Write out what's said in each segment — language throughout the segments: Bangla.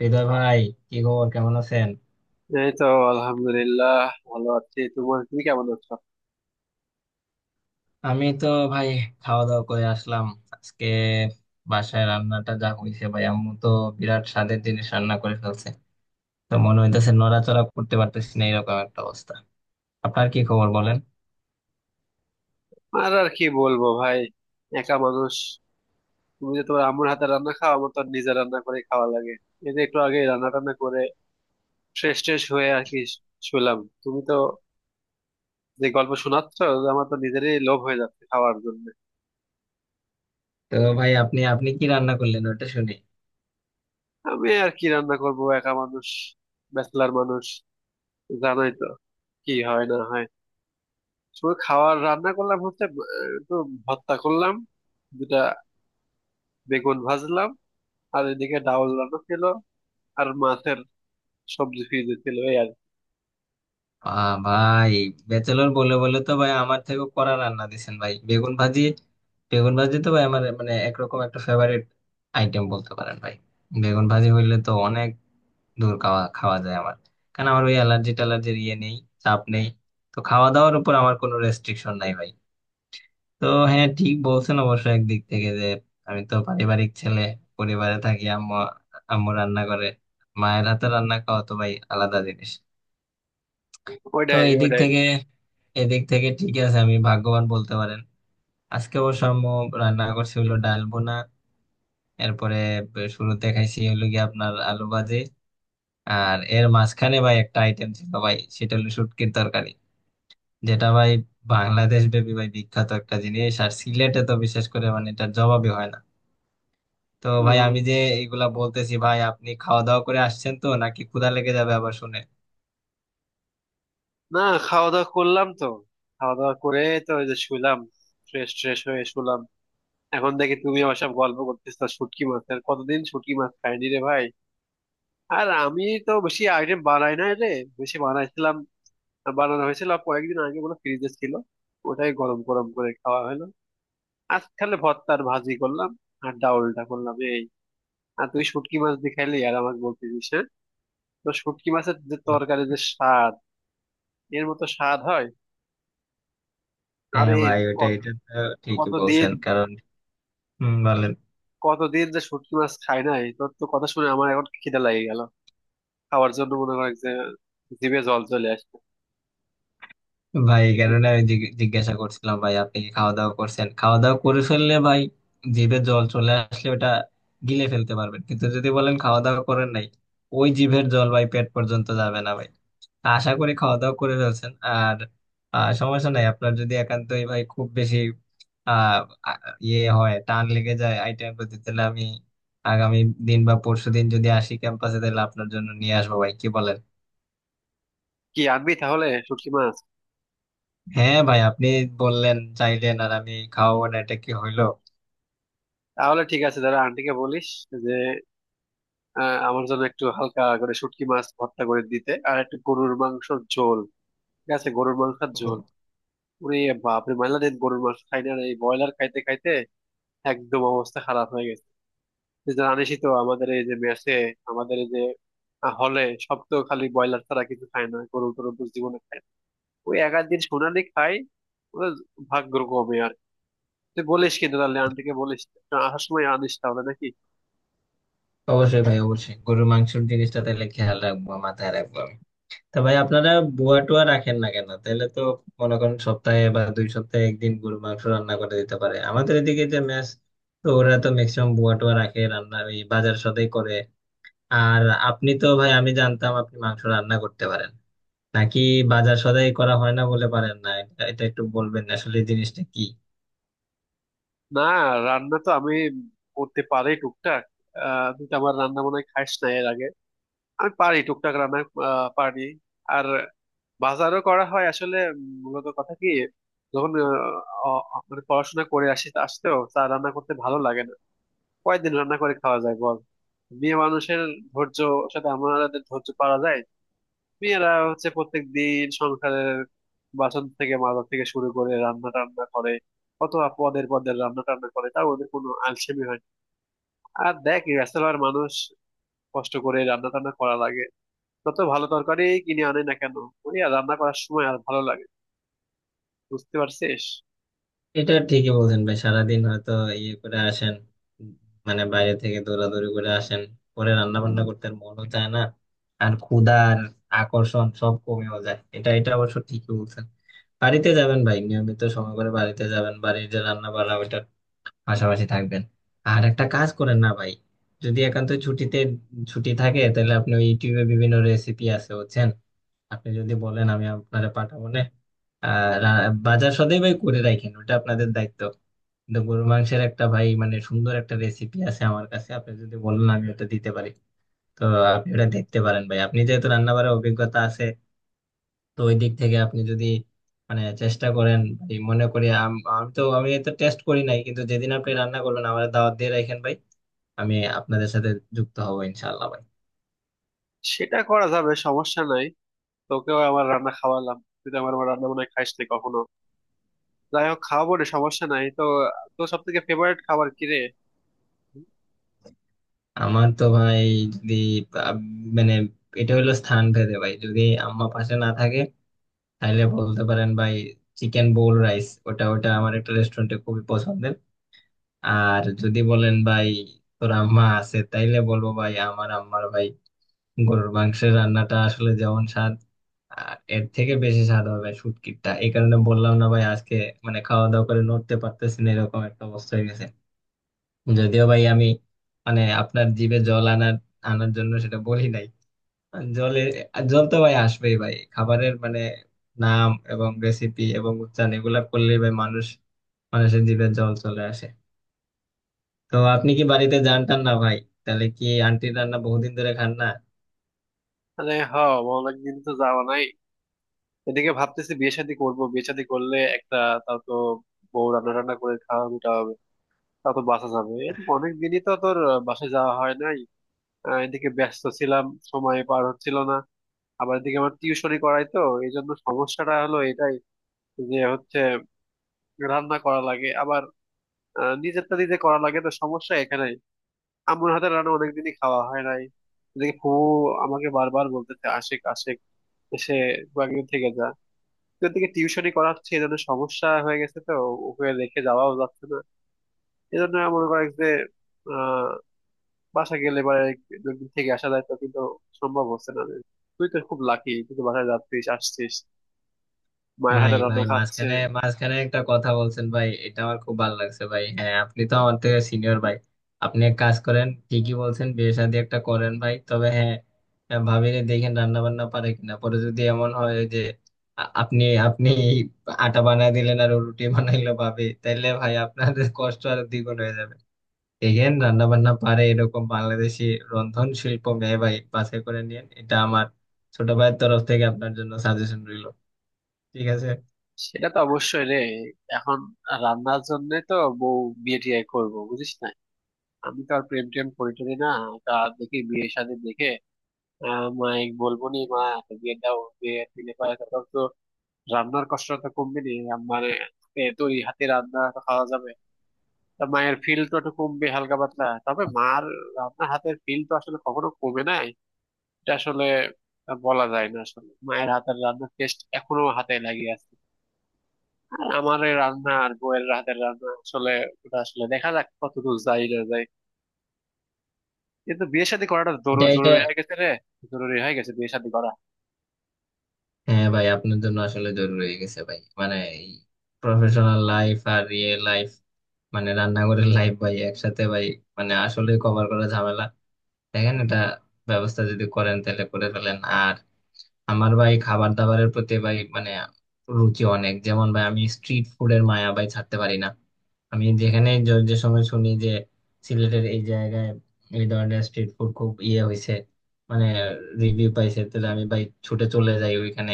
হৃদয় ভাই, কি খবর? কেমন আছেন? এই তো আলহামদুলিল্লাহ, ভালো আছি। তোমার তুমি কেমন আছো? আমি তো ভাই খাওয়া দাওয়া করে আসলাম আজকে। বাসায় রান্নাটা যা হয়েছে ভাই, আম্মু তো বিরাট স্বাদের জিনিস রান্না করে ফেলছে। তো মনে হইতেছে নড়াচড়া করতে পারতেছি না, এরকম একটা অবস্থা। আপনার কি খবর বলেন। আর আর কি বলবো ভাই, একা মানুষ। তুমি যে তোমার আম্মুর হাতে রান্না খাও, আমার তো আর নিজে রান্না করে খাওয়া লাগে। এই যে একটু আগে রান্না টান্না করে ফ্রেশ ট্রেশ হয়ে আর কি শুলাম। তুমি তো যে গল্প শোনাচ্ছ, যে আমার তো নিজেরই লোভ হয়ে যাচ্ছে খাওয়ার জন্য। তো ভাই, আপনি আপনি কি রান্না করলেন ওটা শুনি। আমি আর কি রান্না করব, একা মানুষ, ব্যাচলার মানুষ, জানোই তো কি হয় না হয়। শুধু খাওয়ার রান্না করলাম হচ্ছে একটু ভর্তা করলাম, দুটা বেগুন ভাজলাম, আর এদিকে ডাউল রান্না ছিল, আর মাছের সবজি ফ্রিজে ছিল এই আর কি। আহ ভাই, ব্যাচেলর বলে বলে তো ভাই আমার থেকে কড়া রান্না দিছেন ভাই। বেগুন ভাজি, বেগুন ভাজি তো ভাই আমার মানে একরকম একটা ফেভারিট আইটেম বলতে পারেন ভাই। বেগুন ভাজি হইলে তো অনেক ধুর খাওয়া খাওয়া যায় আমার। কারণ আমার ওই অ্যালার্জি টালার্জির ইয়ে নেই, চাপ নেই। তো খাওয়া দাওয়ার উপর আমার কোনো রেস্ট্রিকশন নাই ভাই। তো হ্যাঁ, ঠিক বলছেন অবশ্য একদিক থেকে, যে আমি তো পারিবারিক ছেলে, পরিবারে থাকি। আম্মু আম্মু রান্না করে। মায়ের হাতে রান্না খাওয়া তো ভাই আলাদা জিনিস। তো ওইটাই এদিক ওইটাই থেকে এদিক থেকে ঠিক আছে, আমি ভাগ্যবান বলতে পারেন। আজকে অবশ্য আম্মু রান্না করছে হলো ডাল বোনা, এরপরে শুরুতে খাইছি হলো গিয়ে আপনার আলু ভাজি। আর এর মাঝখানে ভাই একটা আইটেম ছিল ভাই, সেটা হলো শুটকির তরকারি, যেটা ভাই বাংলাদেশ ব্যাপী ভাই বিখ্যাত একটা জিনিস, আর সিলেটে তো বিশেষ করে মানে এটার জবাবই হয় না। তো ভাই হম। আমি যে এগুলা বলতেছি ভাই, আপনি খাওয়া দাওয়া করে আসছেন তো? নাকি ক্ষুধা লেগে যাবে আবার শুনে? না, খাওয়া দাওয়া করলাম তো। খাওয়া দাওয়া করে তো ওই যে শুলাম, ফ্রেশ ট্রেশ হয়ে শুলাম। এখন দেখি তুমি আমার সব গল্প করতেছো শুটকি মাছের, কতদিন শুটকি মাছ খাইনি রে ভাই। আর আমি তো বেশি আইটেম বানাই না রে, বেশি বানাইছিলাম, বানানো হয়েছিল কয়েকদিন আগে বলে ফ্রিজে ছিল, ওটাই গরম গরম করে খাওয়া হলো। আজ খালে ভর্তা আর ভাজি করলাম, আর ডাউলটা করলাম এই। আর তুই শুটকি মাছ দিয়ে খাইলি আর আমাকে বলতেছিস, তো শুটকি মাছের যে বা- তরকারি, যে স্বাদ, এর মতো স্বাদ হয়? হ্যাঁ আরে ভাই ওটা কত- এটা তো ঠিকই কতদিন, বলছেন। কারণ হম, বলেন কতদিন যে শুটকি মাছ খাই নাই, তোর তো কথা শুনে আমার এখন খিদে লাগে গেল খাওয়ার জন্য, মনে করে যে জিভে জল চলে আসছে। ভাই। তুই কেননা আমি জিজ্ঞাসা করছিলাম ভাই আপনি কি খাওয়া দাওয়া করছেন। খাওয়া দাওয়া করে ফেললে ভাই জিভে জল চলে আসলে ওটা গিলে ফেলতে পারবেন, কিন্তু যদি বলেন খাওয়া দাওয়া করেন নাই, ওই জিভের জল ভাই পেট পর্যন্ত যাবে না ভাই। আশা করি খাওয়া দাওয়া করে ফেলছেন। আর সমস্যা নাই, আপনার যদি একান্তই ভাই খুব বেশি আহ আ- ইয়ে হয়, টান লেগে যায় আইটেম প্রতি, তাহলে আমি আগামী দিন বা পরশু দিন যদি আসি ক্যাম্পাসে, তাহলে আপনার জন্য নিয়ে আসবো ভাই, কি বলেন। কি আনবি তাহলে, শুটকি মাছ? হ্যাঁ ভাই আপনি বললেন, চাইলেন, আর আমি খাওয়াবো না, এটা কি হইলো। তাহলে ঠিক আছে, দাদা আন্টিকে বলিস যে আমার জন্য একটু হালকা করে শুটকি মাছ ভর্তা করে দিতে, আর একটু গরুর মাংসের ঝোল। ঠিক আছে, গরুর মাংসের ঝোল। ও, ওরে বাপরে, মেলা দিন গরুর মাংস খাই না রে। এই ব্রয়লার খাইতে খাইতে একদম অবস্থা খারাপ হয়ে গেছে। জানিসই তো আমাদের এই যে মেসে, আমাদের এই যে হলে, সব তো খালি ব্রয়লার ছাড়া কিছু খায় না, গরু টরু তো জীবনে খায় না। ওই এক আধ দিন সোনালি খাই, ওদের ভাগ্য কমে আর কি। তুই বলিস কিন্তু, তাহলে আন্টিকে বলিস না, আসার সময় আনিস তাহলে নাকি। অবশ্যই ভাই, অবশ্যই গরুর মাংসের জিনিসটা তাহলে খেয়াল রাখবো, মাথায় রাখবো আমি। তা ভাই আপনারা বুয়া টুয়া রাখেন না কেন? তাহলে তো মনে করেন সপ্তাহে বা দুই সপ্তাহে একদিন গরুর মাংস রান্না করে দিতে পারে। আমাদের এদিকে যে মেস, তো ওরা তো ম্যাক্সিমাম বুয়া টুয়া রাখে, রান্না এই বাজার সদাই করে। আর আপনি তো ভাই, আমি জানতাম আপনি মাংস রান্না করতে পারেন নাকি বাজার সদাই করা হয় না বলে পারেন না, এটা এটা একটু বলবেন আসলে এই জিনিসটা কি। না, রান্না তো আমি করতে পারি টুকটাক। আহ, তুই তো আমার রান্না মনে হয় খাস না এর আগে। আমি পারি টুকটাক রান্না, আহ, পারি। আর বাজারও করা হয় আসলে মূলত কথা কি, যখন মানে পড়াশোনা করে আসি, আসতেও চা রান্না করতে ভালো লাগে না। কয়দিন রান্না করে খাওয়া যায় বল, মেয়ে মানুষের ধৈর্য সাথে আমাদের ধৈর্য পারা যায়? মেয়েরা হচ্ছে প্রত্যেক দিন সংসারের বাসন থেকে মাজা থেকে শুরু করে রান্না টান্না করে, কত পদের পদের রান্না টান্না করে, তাও ওদের কোনো আলসেমি হয় না। আর দেখ ব্যাচেলর মানুষ, কষ্ট করে রান্না টান্না করা লাগে, তত ভালো তরকারি কিনে আনে না কেন, ওই আর রান্না করার সময় আর ভালো লাগে। বুঝতে পারছিস? এটা ঠিকই বলছেন ভাই, সারাদিন হয়তো ইয়ে করে আসেন, মানে বাইরে থেকে দৌড়াদৌড়ি করে আসেন, পরে রান্না বান্না করতে আর মনও চায় না। আর ক্ষুধার আকর্ষণ সব কমেও যায়, এটা এটা অবশ্য ঠিকই বলছেন। বাড়িতে যাবেন ভাই, নিয়মিত সময় করে বাড়িতে যাবেন, বাড়ির যে রান্না বান্না ওইটার পাশাপাশি থাকবেন। আর একটা কাজ করেন না ভাই, যদি একান্ত ছুটিতে ছুটি থাকে, তাহলে আপনি ওই ইউটিউবে বিভিন্ন রেসিপি আছে হচ্ছেন, আপনি যদি বলেন আমি আপনারে পাঠাবো না। বাজার সদাই ভাই করে রাখেন, ওটা আপনাদের দায়িত্ব, কিন্তু গরুর মাংসের একটা ভাই মানে সুন্দর একটা রেসিপি আছে আমার কাছে, আপনি যদি বলেন আমি ওটা দিতে পারি। তো আপনি ওটা দেখতে পারেন ভাই, আপনি যেহেতু রান্না করার অভিজ্ঞতা আছে, তো ওই দিক থেকে আপনি যদি মানে চেষ্টা করেন ভাই, মনে করি আমি তো টেস্ট করি নাই, কিন্তু যেদিন আপনি রান্না করবেন আমার দাওয়াত দিয়ে রাখেন ভাই, আমি আপনাদের সাথে যুক্ত হবো ইনশাল্লাহ ভাই। সেটা করা যাবে, সমস্যা নাই। তোকেও আমার রান্না খাওয়ালাম, তুই তো আমার আমার রান্না বান্না খাইস না কখনো। যাই হোক, খাওয়াবো রে, সমস্যা নাই তো। তোর সব থেকে ফেভারিট খাবার কি রে? আমার তো ভাই যদি আহ, মানে, এটা হলো স্থান ভেদে ভাই। যদি আম্মা পাশে না থাকে তাহলে বলতে পারেন ভাই চিকেন বোল রাইস, ওটা ওটা আমার একটা রেস্টুরেন্টে খুবই পছন্দের। আর যদি বলেন ভাই তোর আম্মা আছে, তাইলে বলবো ভাই আমার আম্মার ভাই গরুর মাংসের রান্নাটা আসলে যেমন স্বাদ, আর এর থেকে বেশি স্বাদ হবে শুটকিটা, এই কারণে বললাম না ভাই আজকে মানে খাওয়া দাওয়া করে নড়তে পারতেছি না, এরকম একটা অবস্থা হয়ে গেছে। যদিও ভাই আমি মানে আপনার জিভে জল আনার আনার জন্য সেটা বলি নাই। জলে জল তো ভাই আসবেই ভাই, খাবারের মানে নাম এবং রেসিপি এবং উচ্চারণ এগুলা করলেই ভাই মানুষ, মানুষের জিভে জল চলে আসে। তো আপনি কি বাড়িতে যান টান না ভাই? তাহলে কি আন্টির রান্না বহুদিন ধরে খান না? আরে হ, অনেকদিন তো যাওয়া নাই। এদিকে ভাবতেছি বিয়ে শাদী করবো, বিয়ে শাদী করলে একটা, তাও তো বউ রান্না টান্না করে খাওয়া মিটা হবে। তাও তো বাসা যাবে, এদিকে অনেক দিনই তো তোর বাসায় যাওয়া হয় নাই। আহ, এদিকে ব্যস্ত ছিলাম, সময় পার হচ্ছিল না। আবার এদিকে আমার টিউশনই করাই তো, এই জন্য সমস্যাটা হলো এটাই, যে হচ্ছে রান্না করা লাগে আবার, নিজেরটা নিজে করা লাগে, তো সমস্যা এখানে। আম্মুর হাতের রান্না অনেকদিনই খাওয়া হয় নাই। দেখি ফুফু আমাকে বারবার বলতেছে, আশেক আশেক এসে কয়েকদিন থেকে যা। এদিকে টিউশনই করাচ্ছে, এই জন্য সমস্যা হয়ে গেছে তো, ওকে রেখে যাওয়াও যাচ্ছে না। এজন্য মনে করে যে আহ বাসা গেলে বা দুদিন থেকে আসা যায় তো, কিন্তু সম্ভব হচ্ছে না। তুই তো খুব লাকি, তুই তো বাসায় যাচ্ছিস আসছিস, মায়ের ভাই হাতে রান্না ভাই খাচ্ছে। মাঝখানে মাঝখানে একটা কথা বলছেন ভাই, এটা আমার খুব ভালো লাগছে ভাই। হ্যাঁ আপনি তো আমার থেকে সিনিয়র ভাই, আপনি এক কাজ করেন, ঠিকই বলছেন, বিয়ে শাদী একটা করেন ভাই। তবে হ্যাঁ, হ্যাঁ, ভাবিনি দেখেন রান্না বান্না পারে কিনা। পরে যদি এমন হয় যে আপনি আপনি আটা বানায় দিলেন আর ও রুটি বানাইলো ভাবে, তাহলে ভাই আপনার কষ্ট আরো দ্বিগুণ হয়ে যাবে। এগেন রান্না বান্না পারে এরকম বাংলাদেশি রন্ধন শিল্প মেহবাই বাছাই করে নিয়েন, এটা আমার ছোট ভাইয়ের তরফ থেকে আপনার জন্য সাজেশন রইল, ঠিক আছে। সেটা তো অবশ্যই রে। এখন রান্নার জন্য তো বউ, বিয়ে টিয়ে করবো বুঝিস না, আমি তো আর প্রেম টেম করি টরি না। তা দেখি বিয়ে শাদী দেখে, আহ, মাই বলবো নি মা একটা বিয়ে দাও, বিয়ে দিলে পরে তখন তো রান্নার কষ্ট তো কমবে নি, মানে এ তৈরি হাতে রান্না তো খাওয়া যাবে। তা মায়ের ফিল তো একটু কমবে হালকা পাতলা, তবে মার রান্নার হাতের ফিল তো আসলে কখনো কমে নাই। এটা আসলে বলা যায় না, আসলে মায়ের হাতের রান্নার টেস্ট এখনো হাতে লাগিয়ে আছে। আর আমার এই রান্না আর বউয়ের হাতের রান্না আসলে, ওটা আসলে দেখা যাক কতদূর যাই না যাই, কিন্তু বিয়ে শাদী করাটা এটা এটা জরুরি হয়ে গেছে রে। জরুরি হয়ে গেছে বিয়ে শাদী করা। হ্যাঁ ভাই আপনার জন্য আসলে জরুরি হয়ে গেছে ভাই, মানে এই প্রফেশনাল লাইফ আর রিয়েল লাইফ মানে রান্নাঘরের লাইফ ভাই একসাথে ভাই মানে আসলে কভার করা ঝামেলা। দেখেন এটা ব্যবস্থা যদি করেন তাহলে করে ফেলেন। আর আমার ভাই খাবার দাবারের প্রতি ভাই মানে রুচি অনেক, যেমন ভাই আমি স্ট্রিট ফুডের মায়া ভাই ছাড়তে পারি না। আমি যেখানে যে সময় শুনি যে সিলেটের এই জায়গায় এই ধরনের স্ট্রিট ফুড খুব ইয়ে হয়েছে, মানে রিভিউ পাইছে, তাহলে আমি ভাই ছুটে চলে যাই ওইখানে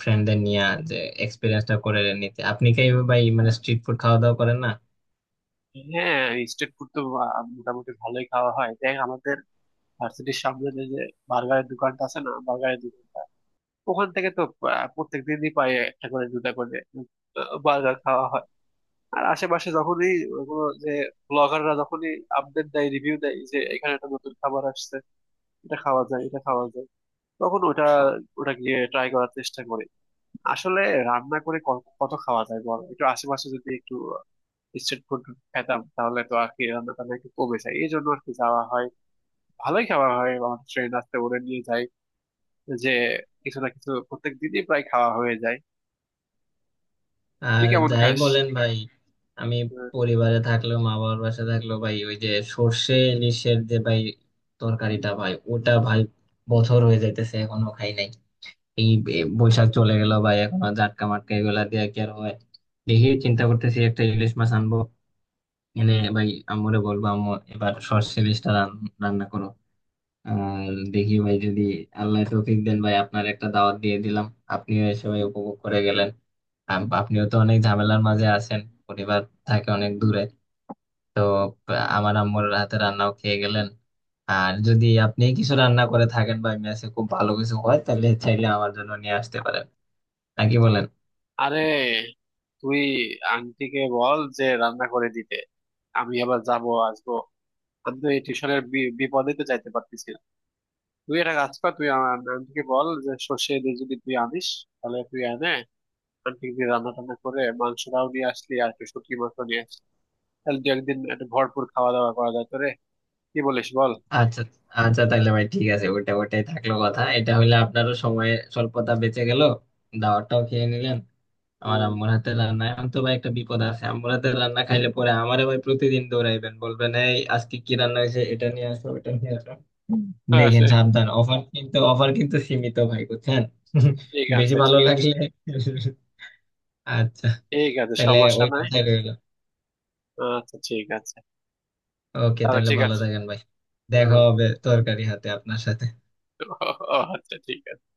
ফ্রেন্ডদের নিয়ে, যে এক্সপিরিয়েন্সটা করে নিতে। আপনি কি ভাই মানে স্ট্রিট ফুড খাওয়া দাওয়া করেন না? হ্যাঁ, স্ট্রিট ফুড তো মোটামুটি ভালোই খাওয়া হয়। দেখ আমাদের ভার্সিটির সামনে যে যে বার্গারের দোকানটা আছে না, বার্গারের দোকানটা, ওখান থেকে তো প্রত্যেক দিনই পাই একটা করে দুটা করে বার্গার খাওয়া হয়। আর আশেপাশে যখনই কোনো যে ব্লগাররা যখনই আপডেট দেয়, রিভিউ দেয় যে এখানে একটা নতুন খাবার আসছে, এটা খাওয়া যায় এটা খাওয়া যায়, তখন ওটা ওটা গিয়ে ট্রাই করার চেষ্টা করি। আসলে রান্না করে কত খাওয়া যায় বল, একটু আশেপাশে যদি একটু স্ট্রিট ফুড খেতাম, তাহলে তো আর কি রান্না টান্না একটু কমে যায়, এই জন্য আর কি যাওয়া হয়, ভালোই খাওয়া হয় আমার ট্রেন আসতে ওরে নিয়ে যায় যে, কিছু না কিছু প্রত্যেক দিনই প্রায় খাওয়া হয়ে যায়। তুই আর কেমন যাই খাস? বলেন ভাই, আমি হ্যাঁ। পরিবারে থাকলেও, মা বাবার বাসায় থাকলেও ভাই, ওই যে সর্ষে ইলিশের যে ভাই তরকারিটা ভাই, ওটা ভাই বছর হয়ে যাইতেছে এখনো খাই নাই। এই বৈশাখ চলে গেল ভাই, এখনো জাটকা মাটকা এগুলা দিয়ে কি আর হয়। দেখি চিন্তা করতেছি একটা ইলিশ মাছ আনবো, এনে ভাই আম্মুরে বলবো আম্মু এবার সর্ষে ইলিশটা রান্না করো। আর দেখি ভাই যদি আল্লাহ তৌফিক দেন ভাই, আপনার একটা দাওয়াত দিয়ে দিলাম, আপনিও এসে ভাই উপভোগ করে গেলেন। আপনিও তো অনেক ঝামেলার মাঝে আছেন, পরিবার থাকে অনেক দূরে, তো আমার আম্মুর হাতে রান্নাও খেয়ে গেলেন। আর যদি আপনি কিছু রান্না করে থাকেন বা মেসে খুব ভালো কিছু হয়, তাহলে চাইলে আমার জন্য নিয়ে আসতে পারেন, নাকি বলেন। আরে তুই আন্টিকে বল যে রান্না করে দিতে, আমি আবার যাবো আসবো, আমি তো এই টিউশনের বিপদে তো যাইতে পারতেছি না। তুই একটা কাজ কর, তুই আমার আন্টিকে বল যে সর্ষে দিয়ে যদি তুই আনিস, তাহলে তুই আনে আন্টি দিয়ে রান্না টান্না করে মাংসটাও নিয়ে আসলি, আর একটু শুটকি মাংস নিয়ে আসলি, তাহলে দু একদিন একটা ভরপুর খাওয়া দাওয়া করা যায় তোরে। কি বলিস বল। আচ্ছা, আচ্ছা তাহলে ভাই ঠিক আছে, ওটা ওটাই থাকলো কথা, এটা হইলে আপনারও সময় স্বল্পতা বেঁচে গেল, দাওয়াতটাও খেয়ে নিলেন। আমার হম। আম্মুর হাতের রান্না এখন তো ভাই একটা বিপদ আছে, আম্মুর হাতের রান্না খাইলে পরে আমারে ভাই প্রতিদিন দৌড়াইবেন, বলবেন এই আজকে কি রান্না হয়েছে, এটা নিয়ে আসো, এটা নিয়ে আসো। দেখেন আচ্ছা। সাবধান, অফার কিন্তু, অফার কিন্তু সীমিত ভাই, বুঝছেন। ঠিক বেশি আছে ভালো ঠিক আছে লাগলে আচ্ছা, ঠিক আছে, তাহলে সমস্যা ওই নাই। কথাই রইলো। আচ্ছা ঠিক আছে। ওকে, তাহলে তাহলে ঠিক ভালো আছে। থাকেন ভাই, দেখা হম। হবে তরকারি হাতে আপনার সাথে। আচ্ছা ঠিক আছে।